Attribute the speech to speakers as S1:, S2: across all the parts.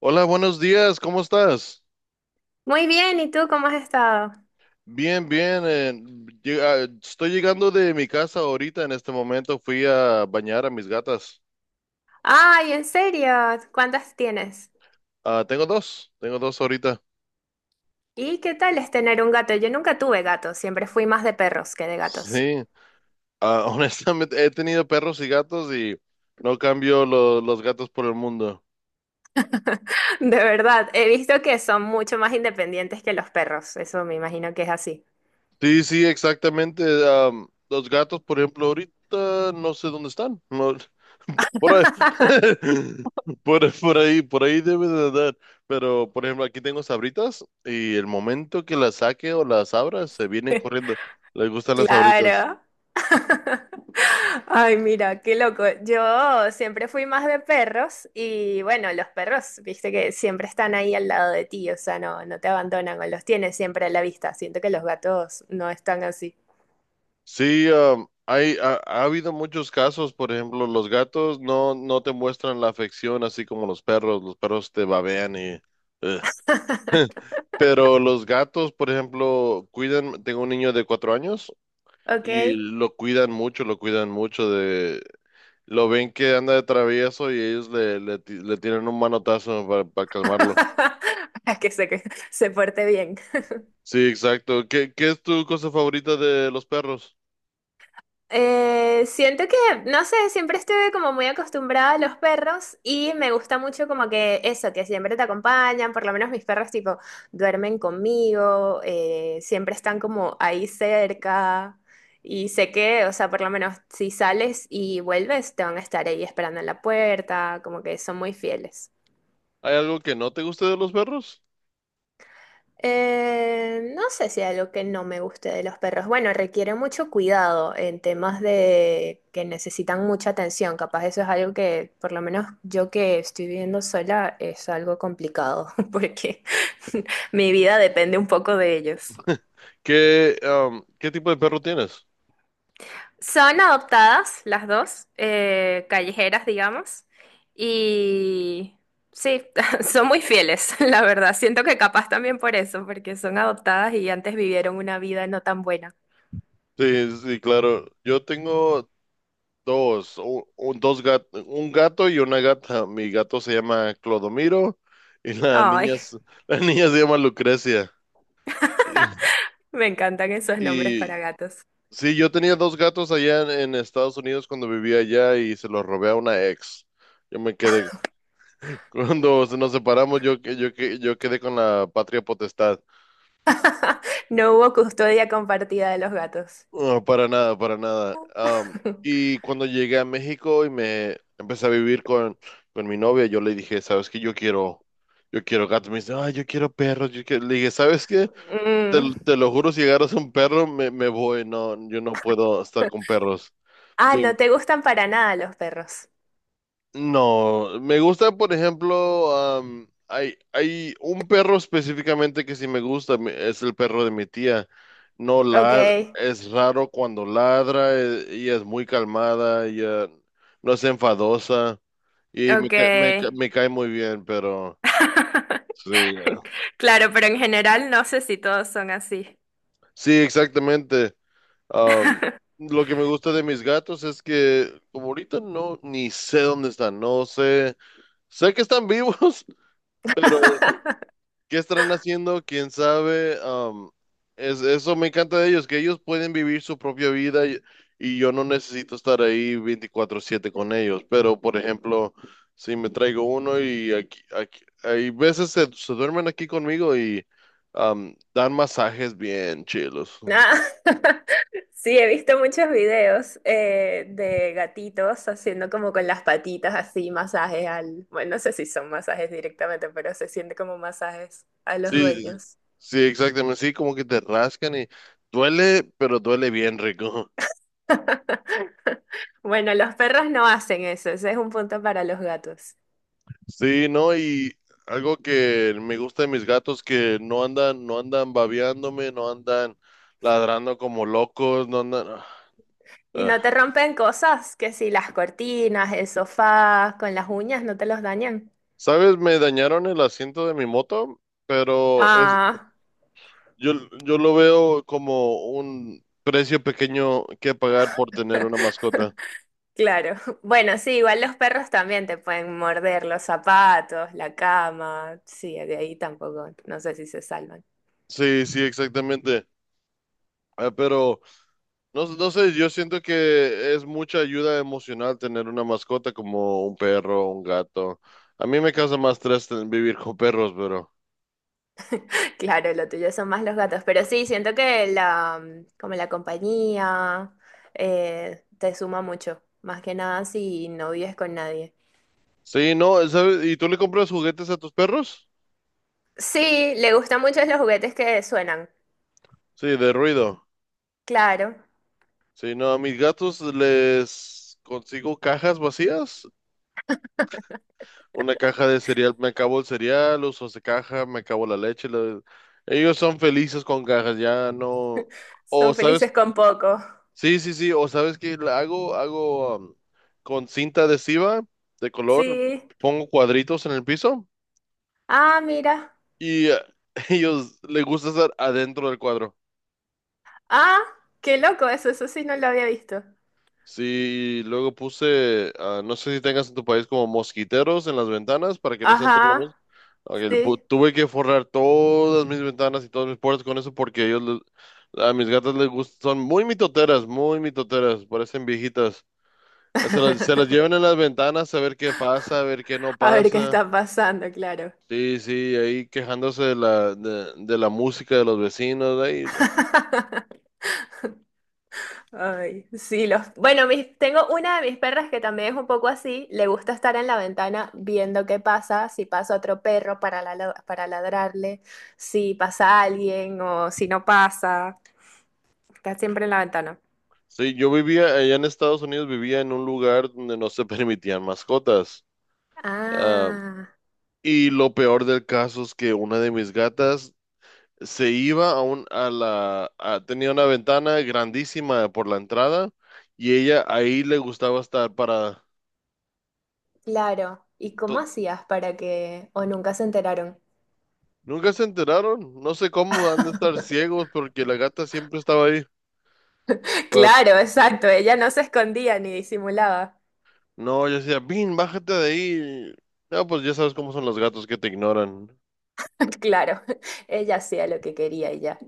S1: Hola, buenos días, ¿cómo estás?
S2: Muy bien, ¿y tú cómo has estado?
S1: Bien, bien, estoy llegando de mi casa ahorita. En este momento fui a bañar a mis gatas.
S2: Ay, en serio, ¿cuántas tienes?
S1: Ah, tengo dos ahorita.
S2: ¿Y qué tal es tener un gato? Yo nunca tuve gatos, siempre fui más de perros que de gatos.
S1: Sí. Ah, Honestamente he tenido perros y gatos y no cambio los gatos por el mundo.
S2: De verdad, he visto que son mucho más independientes que los perros, eso me imagino que es así.
S1: Sí, sí, exactamente. Los gatos, por ejemplo, ahorita no sé dónde están. No, por ahí, por ahí debe de andar. Pero, por ejemplo, aquí tengo sabritas y el momento que las saque o las abra, se vienen corriendo. Les gustan las sabritas.
S2: Claro. Ay, mira, qué loco. Yo siempre fui más de perros y bueno, los perros, viste que siempre están ahí al lado de ti, o sea, no te abandonan o los tienes siempre a la vista. Siento que los gatos no están así.
S1: Sí, ha habido muchos casos. Por ejemplo, los gatos no, no te muestran la afección así como los perros. Los perros te babean y... eh, pero los gatos, por ejemplo, cuidan, tengo un niño de 4 años y
S2: Ok.
S1: lo cuidan mucho de, lo ven que anda de travieso y ellos le tiran un manotazo para calmarlo.
S2: Para que que se porte bien.
S1: Sí, exacto. Qué es tu cosa favorita de los perros?
S2: Siento que, no sé, siempre estuve como muy acostumbrada a los perros y me gusta mucho como que eso, que siempre te acompañan, por lo menos mis perros tipo duermen conmigo, siempre están como ahí cerca y sé que, o sea, por lo menos si sales y vuelves, te van a estar ahí esperando en la puerta, como que son muy fieles.
S1: ¿Hay algo que no te guste de los perros?
S2: No sé si hay algo que no me guste de los perros. Bueno, requiere mucho cuidado en temas de que necesitan mucha atención. Capaz eso es algo que, por lo menos yo que estoy viviendo sola, es algo complicado porque mi vida depende un poco de ellos.
S1: ¿Qué, qué tipo de perro tienes?
S2: Son adoptadas las dos, callejeras, digamos, y sí, son muy fieles, la verdad. Siento que capaz también por eso, porque son adoptadas y antes vivieron una vida no tan buena.
S1: Sí, sí, claro. Yo tengo dos un gato y una gata. Mi gato se llama Clodomiro y la
S2: Ay,
S1: niña, la niña se llama Lucrecia. Y,
S2: me encantan esos nombres para
S1: y
S2: gatos.
S1: sí, yo tenía dos gatos allá en Estados Unidos cuando vivía allá y se los robé a una ex. Yo me quedé, cuando nos separamos, yo quedé con la patria potestad.
S2: No hubo custodia compartida de los gatos.
S1: No, para nada, para nada. Y cuando llegué a México y me empecé a vivir con mi novia, yo le dije, ¿sabes qué? Yo quiero gatos. Me dice, ay, yo quiero perros. Yo quiero". Le dije, ¿sabes qué? Te,
S2: Mm.
S1: te lo juro, si agarras un perro, me voy. No, yo no puedo estar con perros.
S2: Ah, no te gustan para nada los perros.
S1: No, me gusta, por ejemplo, hay un perro específicamente que sí me gusta, es el perro de mi tía. No
S2: Ok,
S1: la, es raro cuando ladra, ella es muy calmada, ella no es enfadosa y
S2: ok.
S1: me cae muy bien, pero sí,
S2: Claro, pero en general no sé si todos son así.
S1: sí, exactamente. Am, lo que me gusta de mis gatos es que como ahorita no, ni sé dónde están, no sé, sé que están vivos, pero ¿qué estarán haciendo? ¿Quién sabe? Eso me encanta de ellos, que ellos pueden vivir su propia vida y yo no necesito estar ahí 24/7 con ellos. Pero, por ejemplo, si me traigo uno y hay veces se duermen aquí conmigo y dan masajes bien chilos.
S2: Ah, sí, he visto muchos videos de gatitos haciendo como con las patitas así masajes al... Bueno, no sé si son masajes directamente, pero se siente como masajes a los
S1: Sí, sí,
S2: dueños.
S1: sí, exactamente. Sí, como que te rascan y duele, pero duele bien rico.
S2: Bueno, los perros no hacen eso, ese es un punto para los gatos.
S1: Sí, ¿no? Y algo que me gusta de mis gatos que no andan, no andan babeándome, no andan ladrando como locos, no andan. Ah,
S2: Y
S1: ah.
S2: no te rompen cosas, que si las cortinas, el sofá, con las uñas no te los dañan.
S1: ¿Sabes? Me dañaron el asiento de mi moto, pero es,
S2: Ah,
S1: yo, yo lo veo como un precio pequeño que pagar por tener una mascota.
S2: claro. Bueno, sí, igual los perros también te pueden morder los zapatos, la cama. Sí, de ahí tampoco, no sé si se salvan.
S1: Sí, sí, exactamente. Ah, pero no, no sé, yo siento que es mucha ayuda emocional tener una mascota como un perro, un gato. A mí me causa más estrés vivir con perros, pero...
S2: Claro, lo tuyo son más los gatos, pero sí, siento que la, mm, como la compañía te suma mucho, más que nada si no vives con nadie.
S1: Sí, no, ¿sabes? ¿Y tú le compras juguetes a tus perros?
S2: Sí, le gustan mucho los juguetes que suenan.
S1: Sí, de ruido.
S2: Claro,
S1: Sí, no, a mis gatos les consigo cajas vacías. Una caja de cereal, me acabo el cereal, uso esa caja, me acabo la leche. Ellos son felices con cajas, ya no... O,
S2: son
S1: ¿sabes
S2: felices con poco.
S1: sí, sí, sí, o sabes qué la hago, hago con cinta adhesiva de color,
S2: Sí.
S1: pongo cuadritos en el piso
S2: Ah, mira.
S1: y ellos les gusta estar adentro del cuadro.
S2: Ah, qué loco eso, eso sí no lo había visto.
S1: Sí, luego puse, ah, no sé si tengas en tu país como mosquiteros en las ventanas para que no se entre la
S2: Ajá,
S1: mosca. Ok,
S2: sí.
S1: tuve que forrar todas mis ventanas y todas mis puertas con eso porque ellos, a mis gatas les gustan, son muy mitoteras, parecen viejitas. Se los llevan en las ventanas a ver qué pasa, a ver qué no
S2: A ver qué
S1: pasa.
S2: está pasando, claro.
S1: Sí, sí, ahí quejándose de de la música de los vecinos. Ahí.
S2: Ay, sí, los... Bueno, tengo una de mis perras que también es un poco así, le gusta estar en la ventana viendo qué pasa, si pasa otro perro para, para ladrarle, si pasa alguien o si no pasa, está siempre en la ventana.
S1: Sí, yo vivía allá en Estados Unidos, vivía en un lugar donde no se permitían mascotas. Ah,
S2: Ah,
S1: y lo peor del caso es que una de mis gatas se iba a tenía una ventana grandísima por la entrada y ella ahí le gustaba estar para,
S2: claro. ¿Y cómo
S1: to-
S2: hacías para que... o nunca se enteraron?
S1: nunca se enteraron. No sé cómo han de estar ciegos porque la gata siempre estaba ahí. Pa-
S2: Claro, exacto. Ella no se escondía ni disimulaba.
S1: no, yo decía, Bin, bájate de ahí. No, pues ya sabes cómo son los gatos que te ignoran.
S2: Claro, ella hacía lo que quería y ya.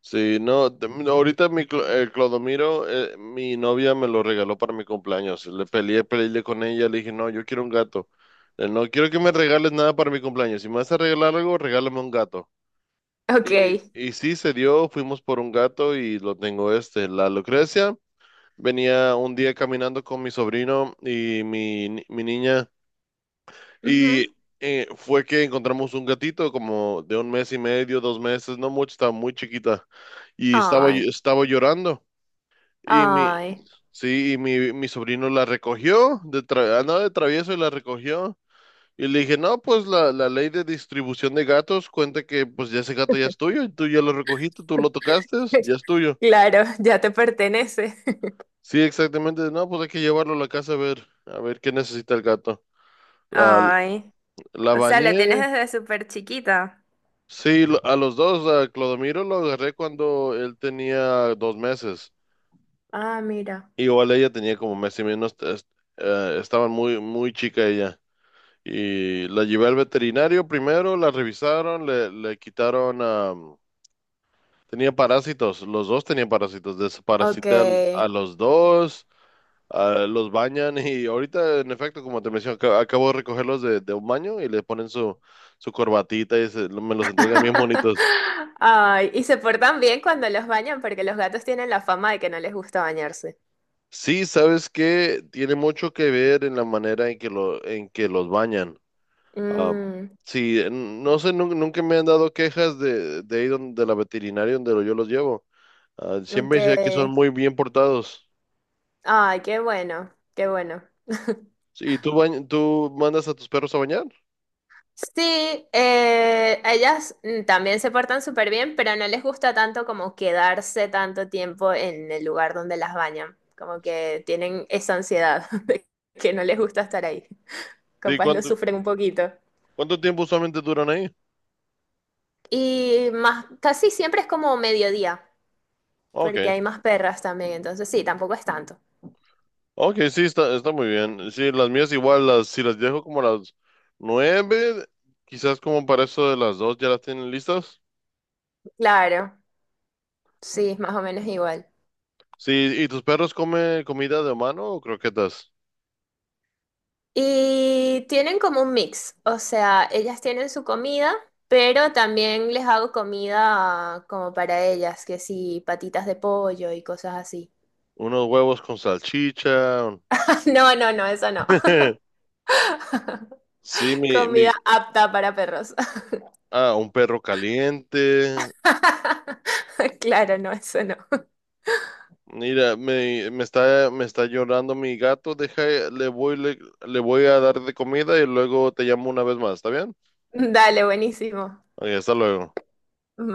S1: Sí, no, no, ahorita mi Clodomiro, mi novia me lo regaló para mi cumpleaños. Le peleé, peleé con ella, le dije, no, yo quiero un gato. No quiero que me regales nada para mi cumpleaños. Si me vas a regalar algo, regálame un gato.
S2: Ok.
S1: Y sí, se dio, fuimos por un gato y lo tengo este, la Lucrecia. Venía un día caminando con mi sobrino y mi, ni- mi niña y
S2: Ujú.
S1: fue que encontramos un gatito como de un mes y medio, 2 meses, no mucho, estaba muy chiquita y estaba,
S2: Ay,
S1: estaba llorando y mi,
S2: ay.
S1: sí, y mi sobrino la recogió, de andaba de travieso y la recogió y le dije, no, pues la ley de distribución de gatos cuenta que pues ya ese gato ya es tuyo, y tú ya lo recogiste, tú lo tocaste, ya es tuyo.
S2: Claro, ya te pertenece.
S1: Sí, exactamente. No, pues hay que llevarlo a la casa a ver qué necesita el gato. La,
S2: Ay,
S1: la
S2: o sea, la tienes
S1: bañé.
S2: desde súper chiquita.
S1: Sí, a los dos, a Clodomiro lo agarré cuando él tenía 2 meses.
S2: Ah, mira.
S1: Igual ella tenía como mes y menos. Estaba muy, muy chica ella. Y la llevé al veterinario primero, la revisaron, le quitaron, am, tenía parásitos. Los dos tenían parásitos.
S2: Ok.
S1: Desparasité a los dos. Ah, los bañan y ahorita, en efecto, como te menciono, acabo de recogerlos de un baño y le ponen su corbatita y me los entregan bien bonitos.
S2: Ay, y se portan bien cuando los bañan porque los gatos tienen la fama de que no les gusta bañarse.
S1: Sí, sabes que tiene mucho que ver en la manera en que los bañan. Ah,
S2: Mm,
S1: sí, no sé, nunca me han dado quejas de ahí donde, de la veterinaria donde yo los llevo. Ah,
S2: ok.
S1: siempre sé que son muy bien portados.
S2: Ay, qué bueno, qué bueno.
S1: Sí, ¿tú, tú mandas a tus perros a bañar?
S2: Sí, ellas mm, también se portan súper bien, pero no les gusta tanto como quedarse tanto tiempo en el lugar donde las bañan. Como que tienen esa ansiedad de que no les gusta estar ahí.
S1: Sí,
S2: Capaz lo
S1: ¿cuánto,
S2: sufren un poquito.
S1: cuánto tiempo usualmente duran ahí?
S2: Y más, casi siempre es como mediodía,
S1: Ok.
S2: porque hay más perras también, entonces sí, tampoco es tanto.
S1: Ok, sí, está, está muy bien. Sí, las mías igual, las, si las dejo como a las 9, quizás como para eso de las 2 ya las tienen listas.
S2: Claro, sí, es más o menos igual.
S1: Sí, ¿y tus perros comen comida de humano o croquetas?
S2: Y tienen como un mix, o sea, ellas tienen su comida, pero también les hago comida como para ellas, que sí, patitas de pollo y cosas así.
S1: Unos huevos con salchicha. Un-
S2: No, no, no, eso no.
S1: Sí, mi,
S2: Comida apta para perros.
S1: ah, un perro caliente.
S2: Claro, no, eso no.
S1: Mira, me está llorando mi gato. Deja, le voy, le, le voy a dar de comida y luego te llamo una vez más, ¿está bien?
S2: Dale, buenísimo.
S1: Ok, hasta luego.